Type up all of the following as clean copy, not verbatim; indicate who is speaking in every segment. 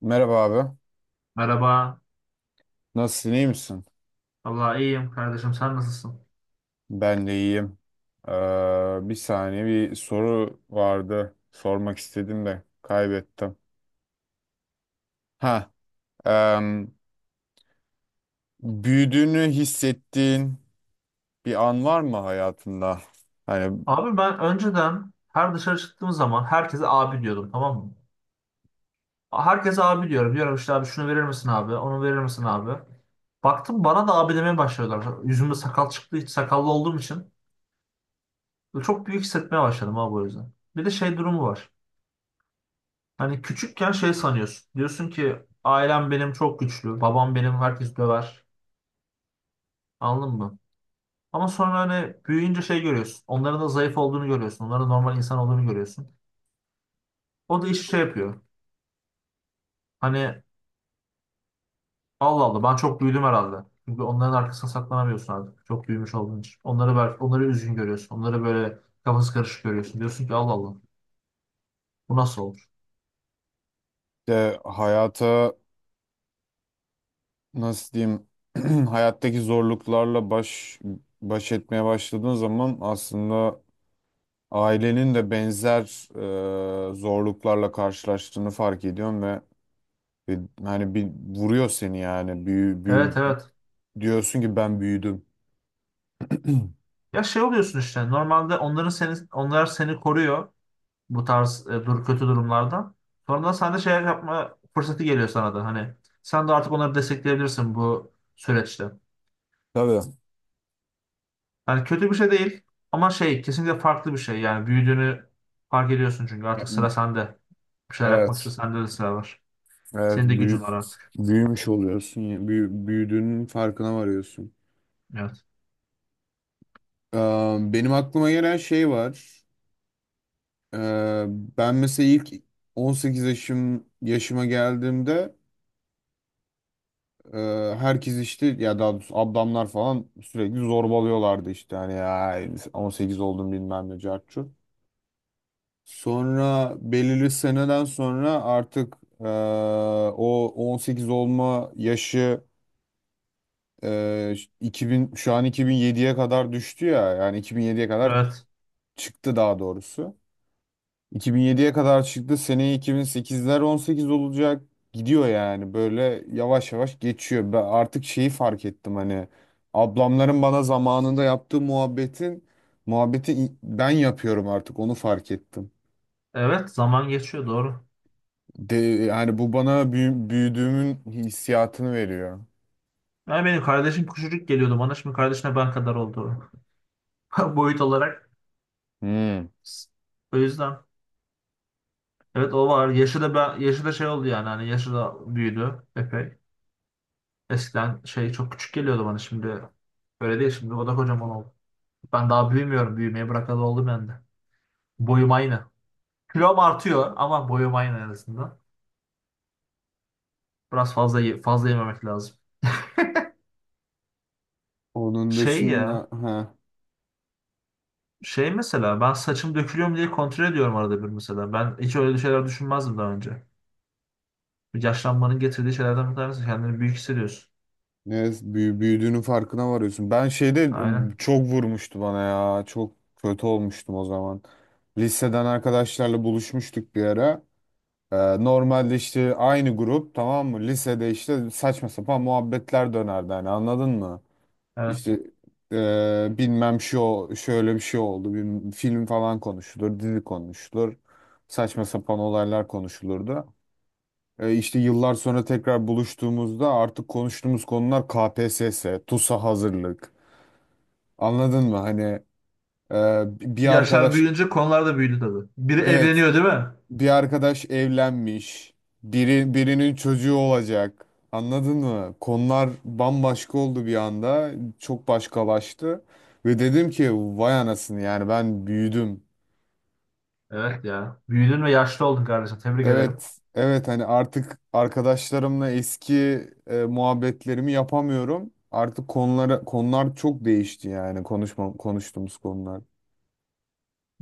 Speaker 1: Merhaba abi.
Speaker 2: Merhaba.
Speaker 1: Nasılsın, iyi misin?
Speaker 2: Vallahi iyiyim kardeşim. Sen nasılsın?
Speaker 1: Ben de iyiyim. Bir saniye bir soru vardı. Sormak istedim de kaybettim. Ha, em, Büyüdüğünü hissettiğin bir an var mı hayatında? Hani
Speaker 2: Abi ben önceden her dışarı çıktığım zaman herkese abi diyordum, tamam mı? Herkese abi diyorum. Diyorum işte abi şunu verir misin abi? Onu verir misin abi? Baktım bana da abi demeye başladılar. Yüzümde sakal çıktı. Hiç sakallı olduğum için. Çok büyük hissetmeye başladım abi, o yüzden. Bir de şey durumu var. Hani küçükken şey sanıyorsun. Diyorsun ki ailem benim çok güçlü. Babam benim herkes döver. Anladın mı? Ama sonra hani büyüyünce şey görüyorsun. Onların da zayıf olduğunu görüyorsun. Onların da normal insan olduğunu görüyorsun. O da işte şey yapıyor. Hani Allah Allah ben çok büyüdüm herhalde. Çünkü onların arkasına saklanamıyorsun artık. Çok büyümüş olduğun için. Onları ver, onları üzgün görüyorsun. Onları böyle kafası karışık görüyorsun. Diyorsun ki Allah Allah bu nasıl olur?
Speaker 1: de hayata, nasıl diyeyim? Hayattaki zorluklarla baş etmeye başladığın zaman aslında ailenin de benzer zorluklarla karşılaştığını fark ediyorum ve Ve Hani bir vuruyor seni yani. Büyü, büyü,
Speaker 2: Evet,
Speaker 1: bü-
Speaker 2: evet.
Speaker 1: diyorsun ki ben büyüdüm.
Speaker 2: Ya şey oluyorsun işte. Normalde onlar seni koruyor bu tarz e, dur kötü durumlardan. Sonradan sen de şey yapma fırsatı geliyor sana da. Hani sen de artık onları destekleyebilirsin bu süreçte.
Speaker 1: Tabii.
Speaker 2: Yani kötü bir şey değil ama şey kesinlikle farklı bir şey. Yani büyüdüğünü fark ediyorsun çünkü
Speaker 1: Ya,
Speaker 2: artık sıra sende. Bir şeyler yapmak için
Speaker 1: evet.
Speaker 2: sende de sıra var.
Speaker 1: Evet
Speaker 2: Senin de
Speaker 1: büyü,
Speaker 2: gücün var artık.
Speaker 1: büyümüş oluyorsun. Ya, büyüdüğünün farkına varıyorsun.
Speaker 2: Evet.
Speaker 1: Ee, Benim aklıma gelen şey var. Ee, Ben mesela ilk 18 yaşıma geldiğimde e, herkes işte ya, daha doğrusu ablamlar falan sürekli zorbalıyorlardı işte, hani ya, 18 oldum bilmem ne cart. Sonra belirli seneden sonra artık o 18 olma yaşı eee, 2000, şu an 2007'ye kadar düştü ya, yani 2007'ye kadar
Speaker 2: Evet.
Speaker 1: çıktı daha doğrusu. 2007'ye kadar çıktı. Seneye 2008'ler 18 olacak. Gidiyor yani, böyle yavaş yavaş geçiyor. Ben artık şeyi fark ettim, hani ablamların bana zamanında yaptığı muhabbeti ben yapıyorum, artık onu fark ettim.
Speaker 2: Evet. Zaman geçiyor, doğru.
Speaker 1: De, yani bu bana büyüdüğümün hissiyatını veriyor.
Speaker 2: Yani benim kardeşim küçücük geliyordu bana. Şimdi kardeşine ben kadar oldu. Boyut olarak.
Speaker 1: Hmm.
Speaker 2: O yüzden. Evet, o var. Yaşı da ben, yaşı da şey oldu yani. Hani yaşı da büyüdü epey. Eskiden şey çok küçük geliyordu bana, şimdi. Öyle değil şimdi. O da kocaman oldu. Ben daha büyümüyorum. Büyümeye bırakalı oldum ben de. Boyum aynı. Kilom artıyor ama boyum aynı en azından. Biraz fazla fazla yememek lazım.
Speaker 1: Onun
Speaker 2: Şey
Speaker 1: dışında
Speaker 2: ya. Şey mesela ben saçım dökülüyor mu diye kontrol ediyorum arada bir mesela. Ben hiç öyle şeyler düşünmezdim daha önce. Bir yaşlanmanın getirdiği şeylerden bir tanesi kendini büyük hissediyorsun.
Speaker 1: ne büyüdüğünün farkına varıyorsun. Ben şeyde
Speaker 2: Aynen.
Speaker 1: çok vurmuştu bana ya. Çok kötü olmuştum o zaman. Liseden arkadaşlarla buluşmuştuk bir ara. Normalde işte aynı grup, tamam mı? Lisede işte saçma sapan muhabbetler dönerdi hani, anladın mı?
Speaker 2: Evet.
Speaker 1: İşte bilmem şu, şöyle bir şey oldu. Bir film falan konuşulur, dizi konuşulur. Saçma sapan olaylar konuşulurdu. İşte yıllar sonra tekrar buluştuğumuzda artık konuştuğumuz konular KPSS, TUS'a hazırlık. Anladın mı? Hani, e, bir
Speaker 2: Yaşlar
Speaker 1: arkadaş,
Speaker 2: büyüyünce konular da büyüdü tabii. Biri
Speaker 1: evet,
Speaker 2: evleniyor değil mi?
Speaker 1: bir arkadaş evlenmiş, biri birinin çocuğu olacak. Anladın mı? Konular bambaşka oldu bir anda. Çok başkalaştı. Ve dedim ki vay anasını, yani ben büyüdüm.
Speaker 2: Evet ya. Büyüdün ve yaşlı oldun kardeşim. Tebrik ederim.
Speaker 1: Evet, evet, hani artık arkadaşlarımla eski, muhabbetlerimi yapamıyorum. Artık konular çok değişti yani, konuştuğumuz konular.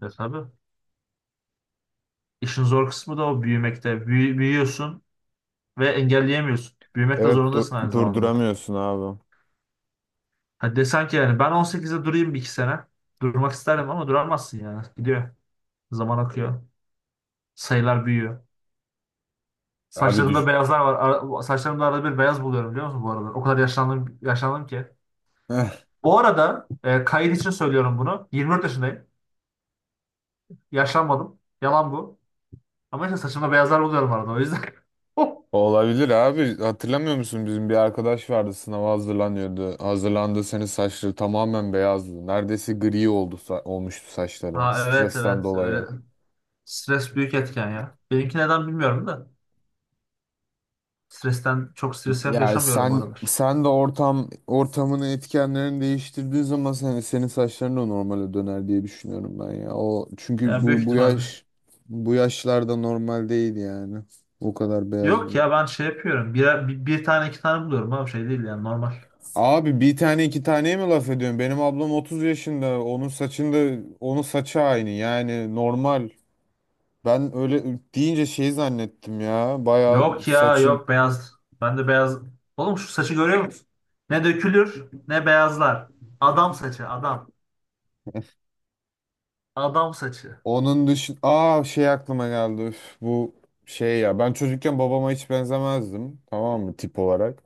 Speaker 2: E tabii. İşin zor kısmı da o büyümekte. Büyüyorsun ve engelleyemiyorsun. Büyümekte
Speaker 1: Evet,
Speaker 2: zorundasın aynı zamanda.
Speaker 1: durduramıyorsun abi.
Speaker 2: Hadi desen ki yani ben 18'de durayım bir iki sene. Durmak isterdim ama duramazsın yani. Gidiyor. Zaman akıyor. Sayılar büyüyor.
Speaker 1: Abi
Speaker 2: Saçlarımda
Speaker 1: düş.
Speaker 2: beyazlar var. Saçlarımda arada bir beyaz buluyorum, biliyor musun, bu aralar? O kadar yaşlandım, yaşlandım ki. Bu arada kayıt için söylüyorum bunu. 24 yaşındayım. Yaşlanmadım. Yalan bu. Ama işte saçımda beyazlar buluyorum arada, o yüzden.
Speaker 1: Olabilir abi. Hatırlamıyor musun, bizim bir arkadaş vardı, sınava hazırlanıyordu. Hazırlandığı sene saçları tamamen beyazdı. Neredeyse gri olmuştu saçları
Speaker 2: Ha, evet
Speaker 1: stresten
Speaker 2: evet,
Speaker 1: dolayı.
Speaker 2: öyle. Stres büyük etken ya. Benimki neden bilmiyorum da stresten çok stres
Speaker 1: Yani
Speaker 2: yaşamıyorum bu
Speaker 1: sen
Speaker 2: aralar.
Speaker 1: sen de ortamını etkenlerini değiştirdiği zaman senin saçların da normale döner diye düşünüyorum ben ya. O çünkü
Speaker 2: Yani büyük
Speaker 1: bu bu
Speaker 2: ihtimalle.
Speaker 1: yaş bu yaşlarda normal değil yani. O kadar beyaz.
Speaker 2: Yok ya, ben şey yapıyorum, bir tane iki tane buluyorum ama şey değil yani, normal.
Speaker 1: Abi bir tane iki taneye mi laf ediyorsun? Benim ablam 30 yaşında. Onun saçı aynı. Yani normal. Ben öyle deyince şey zannettim ya. Bayağı
Speaker 2: Yok ya,
Speaker 1: saçın.
Speaker 2: yok beyaz. Ben de beyaz. Oğlum şu saçı görüyor musun? Ne dökülür ne beyazlar. Adam saçı adam. Adam saçı.
Speaker 1: Onun dışı Aa, şey aklıma geldi. Üf, bu şey ya. Ben çocukken babama hiç benzemezdim. Tamam mı? Tip olarak.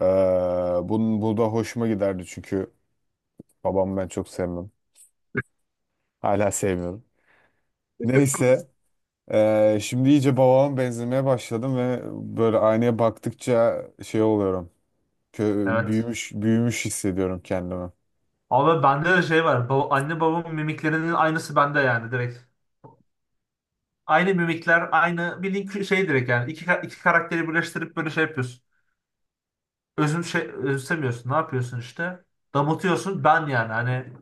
Speaker 1: Bu da hoşuma giderdi çünkü babamı ben çok sevmem. Hala sevmiyorum. Neyse. Şimdi iyice babama benzemeye başladım ve böyle aynaya baktıkça şey oluyorum.
Speaker 2: Evet.
Speaker 1: Büyümüş büyümüş hissediyorum kendimi.
Speaker 2: Ama bende de şey var. Baba, anne babamın mimiklerinin aynısı bende yani, direkt. Aynı mimikler aynı, bildiğin şey direkt yani. İki karakteri birleştirip böyle şey yapıyorsun. Özüm şey, özümsemiyorsun. Ne yapıyorsun işte? Damıtıyorsun ben yani, hani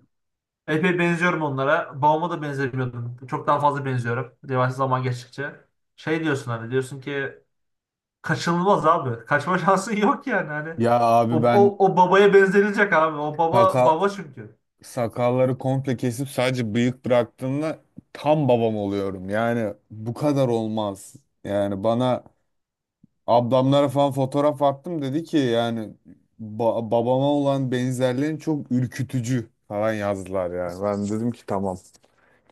Speaker 2: epey benziyorum onlara. Babama da benzemiyordum. Çok daha fazla benziyorum. Yavaş zaman geçtikçe. Şey diyorsun hani, diyorsun ki kaçınılmaz abi. Kaçma şansın yok yani hani.
Speaker 1: Ya abi, ben
Speaker 2: O babaya benzenilecek abi. O baba
Speaker 1: sakal
Speaker 2: baba çünkü.
Speaker 1: sakalları komple kesip sadece bıyık bıraktığımda tam babam oluyorum. Yani bu kadar olmaz. Yani bana, ablamlara falan fotoğraf attım, dedi ki yani babama olan benzerliğin çok ürkütücü falan yazdılar yani. Ben dedim ki tamam,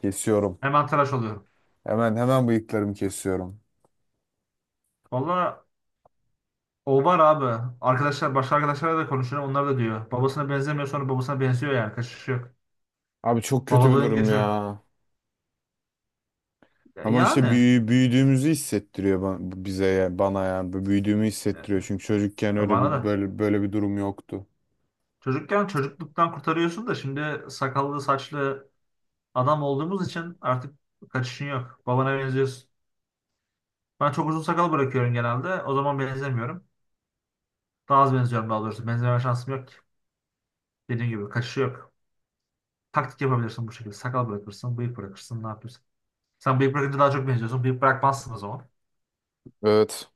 Speaker 1: kesiyorum.
Speaker 2: Hemen tıraş oluyor.
Speaker 1: Hemen bıyıklarımı kesiyorum.
Speaker 2: Valla o var abi. Arkadaşlar, başka arkadaşlarla da konuşuyorum. Onlar da diyor. Babasına benzemiyor sonra babasına benziyor yani. Kaçış yok.
Speaker 1: Abi çok kötü bir
Speaker 2: Babalığın
Speaker 1: durum
Speaker 2: gücü.
Speaker 1: ya. Ama işte
Speaker 2: Yani.
Speaker 1: büyüdüğümüzü hissettiriyor bize ya, bana ya. Bu büyüdüğümü hissettiriyor. Çünkü çocukken öyle
Speaker 2: Bana
Speaker 1: bir
Speaker 2: da.
Speaker 1: böyle böyle bir durum yoktu.
Speaker 2: Çocukken çocukluktan kurtarıyorsun da şimdi sakallı saçlı adam olduğumuz için artık kaçışın yok. Babana benziyorsun. Ben çok uzun sakal bırakıyorum genelde. O zaman benzemiyorum. Daha az benziyorum daha doğrusu. Benzeme şansım yok. Dediğim gibi kaçışı yok. Taktik yapabilirsin bu şekilde. Sakal bırakırsın, bıyık bırakırsın. Ne yapıyorsun? Sen bıyık bırakınca daha çok benziyorsun. Bıyık bırakmazsın o zaman.
Speaker 1: Evet.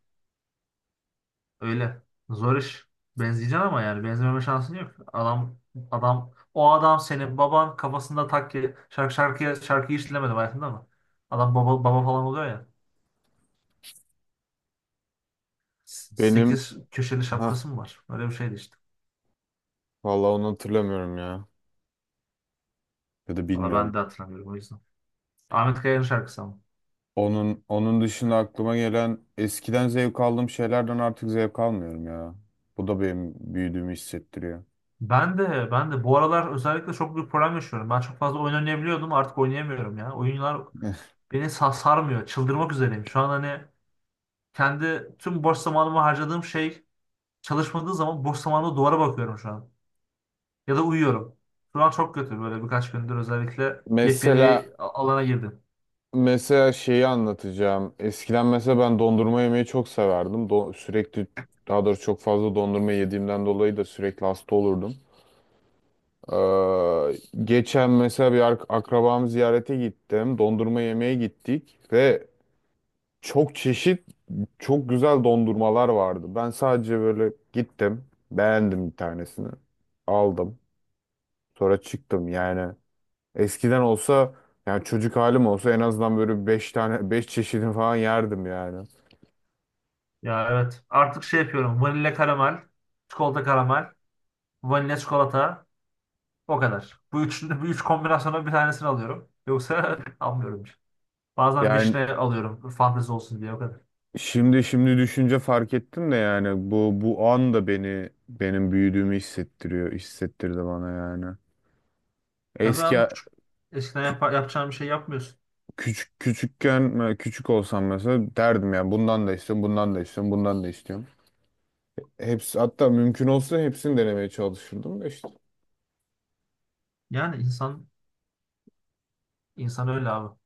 Speaker 2: Öyle. Zor iş. Benzeyeceksin ama yani benzememe şansın yok. Adam adam, o adam senin baban kafasında takki, şarkıyı hiç dinlemedim hayatımda ama. Adam baba baba falan oluyor ya.
Speaker 1: Benim
Speaker 2: Sekiz köşeli
Speaker 1: ha
Speaker 2: şapkası mı var? Öyle bir şeydi işte.
Speaker 1: Vallahi onu hatırlamıyorum ya. Ya da
Speaker 2: Valla ben
Speaker 1: bilmiyorum.
Speaker 2: de hatırlamıyorum, o yüzden. Ahmet Kaya'nın şarkısı ama.
Speaker 1: Onun dışında aklıma gelen, eskiden zevk aldığım şeylerden artık zevk almıyorum ya. Bu da benim büyüdüğümü hissettiriyor.
Speaker 2: Ben de bu aralar özellikle çok büyük problem yaşıyorum. Ben çok fazla oyun oynayabiliyordum, artık oynayamıyorum ya. Oyunlar beni sarmıyor. Çıldırmak üzereyim. Şu an hani kendi tüm boş zamanımı harcadığım şey, çalışmadığı zaman boş zamanımda duvara bakıyorum şu an. Ya da uyuyorum. Şu an çok kötü, böyle birkaç gündür özellikle yepyeni
Speaker 1: Mesela
Speaker 2: bir alana girdim.
Speaker 1: Mesela şeyi anlatacağım. Eskiden mesela ben dondurma yemeyi çok severdim. Sürekli, daha doğrusu çok fazla dondurma yediğimden dolayı da sürekli hasta olurdum. Geçen mesela bir akrabam ziyarete gittim. Dondurma yemeye gittik ve çok çeşit, çok güzel dondurmalar vardı. Ben sadece böyle gittim, beğendim bir tanesini, aldım. Sonra çıktım yani. Eskiden olsa, yani çocuk halim olsa, en azından böyle beş çeşidini falan yerdim yani.
Speaker 2: Ya evet, artık şey yapıyorum. Vanilya karamel, çikolata karamel, vanilya çikolata, o kadar. Bu üç kombinasyona bir tanesini alıyorum. Yoksa almıyorum. Bazen
Speaker 1: Yani
Speaker 2: Wish'te alıyorum. Fantezi olsun diye, o kadar.
Speaker 1: şimdi düşünce fark ettim de, yani bu an da benim büyüdüğümü hissettirdi bana yani.
Speaker 2: Tabii
Speaker 1: Eski
Speaker 2: abi, küçük. Eskiden
Speaker 1: kü-
Speaker 2: yapacağın bir şey yapmıyorsun.
Speaker 1: Küçükken, küçük olsam mesela, derdim yani bundan da istiyorum, bundan da istiyorum, bundan da istiyorum. Hepsi, hatta mümkün olsa hepsini denemeye çalışırdım da işte.
Speaker 2: Yani insan öyle abi.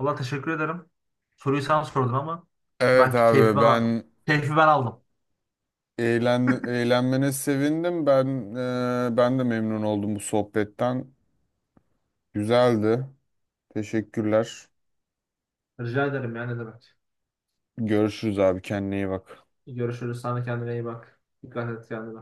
Speaker 2: Valla teşekkür ederim. Soruyu sen sordun ama
Speaker 1: Evet
Speaker 2: belki
Speaker 1: abi, ben
Speaker 2: keyfi ben aldım.
Speaker 1: eğlenmene sevindim. Ben de memnun oldum bu sohbetten. Güzeldi. Teşekkürler.
Speaker 2: Rica ederim yani, ne demek.
Speaker 1: Görüşürüz abi, kendine iyi bak.
Speaker 2: Görüşürüz. Sana kendine iyi bak. Dikkat et kendine.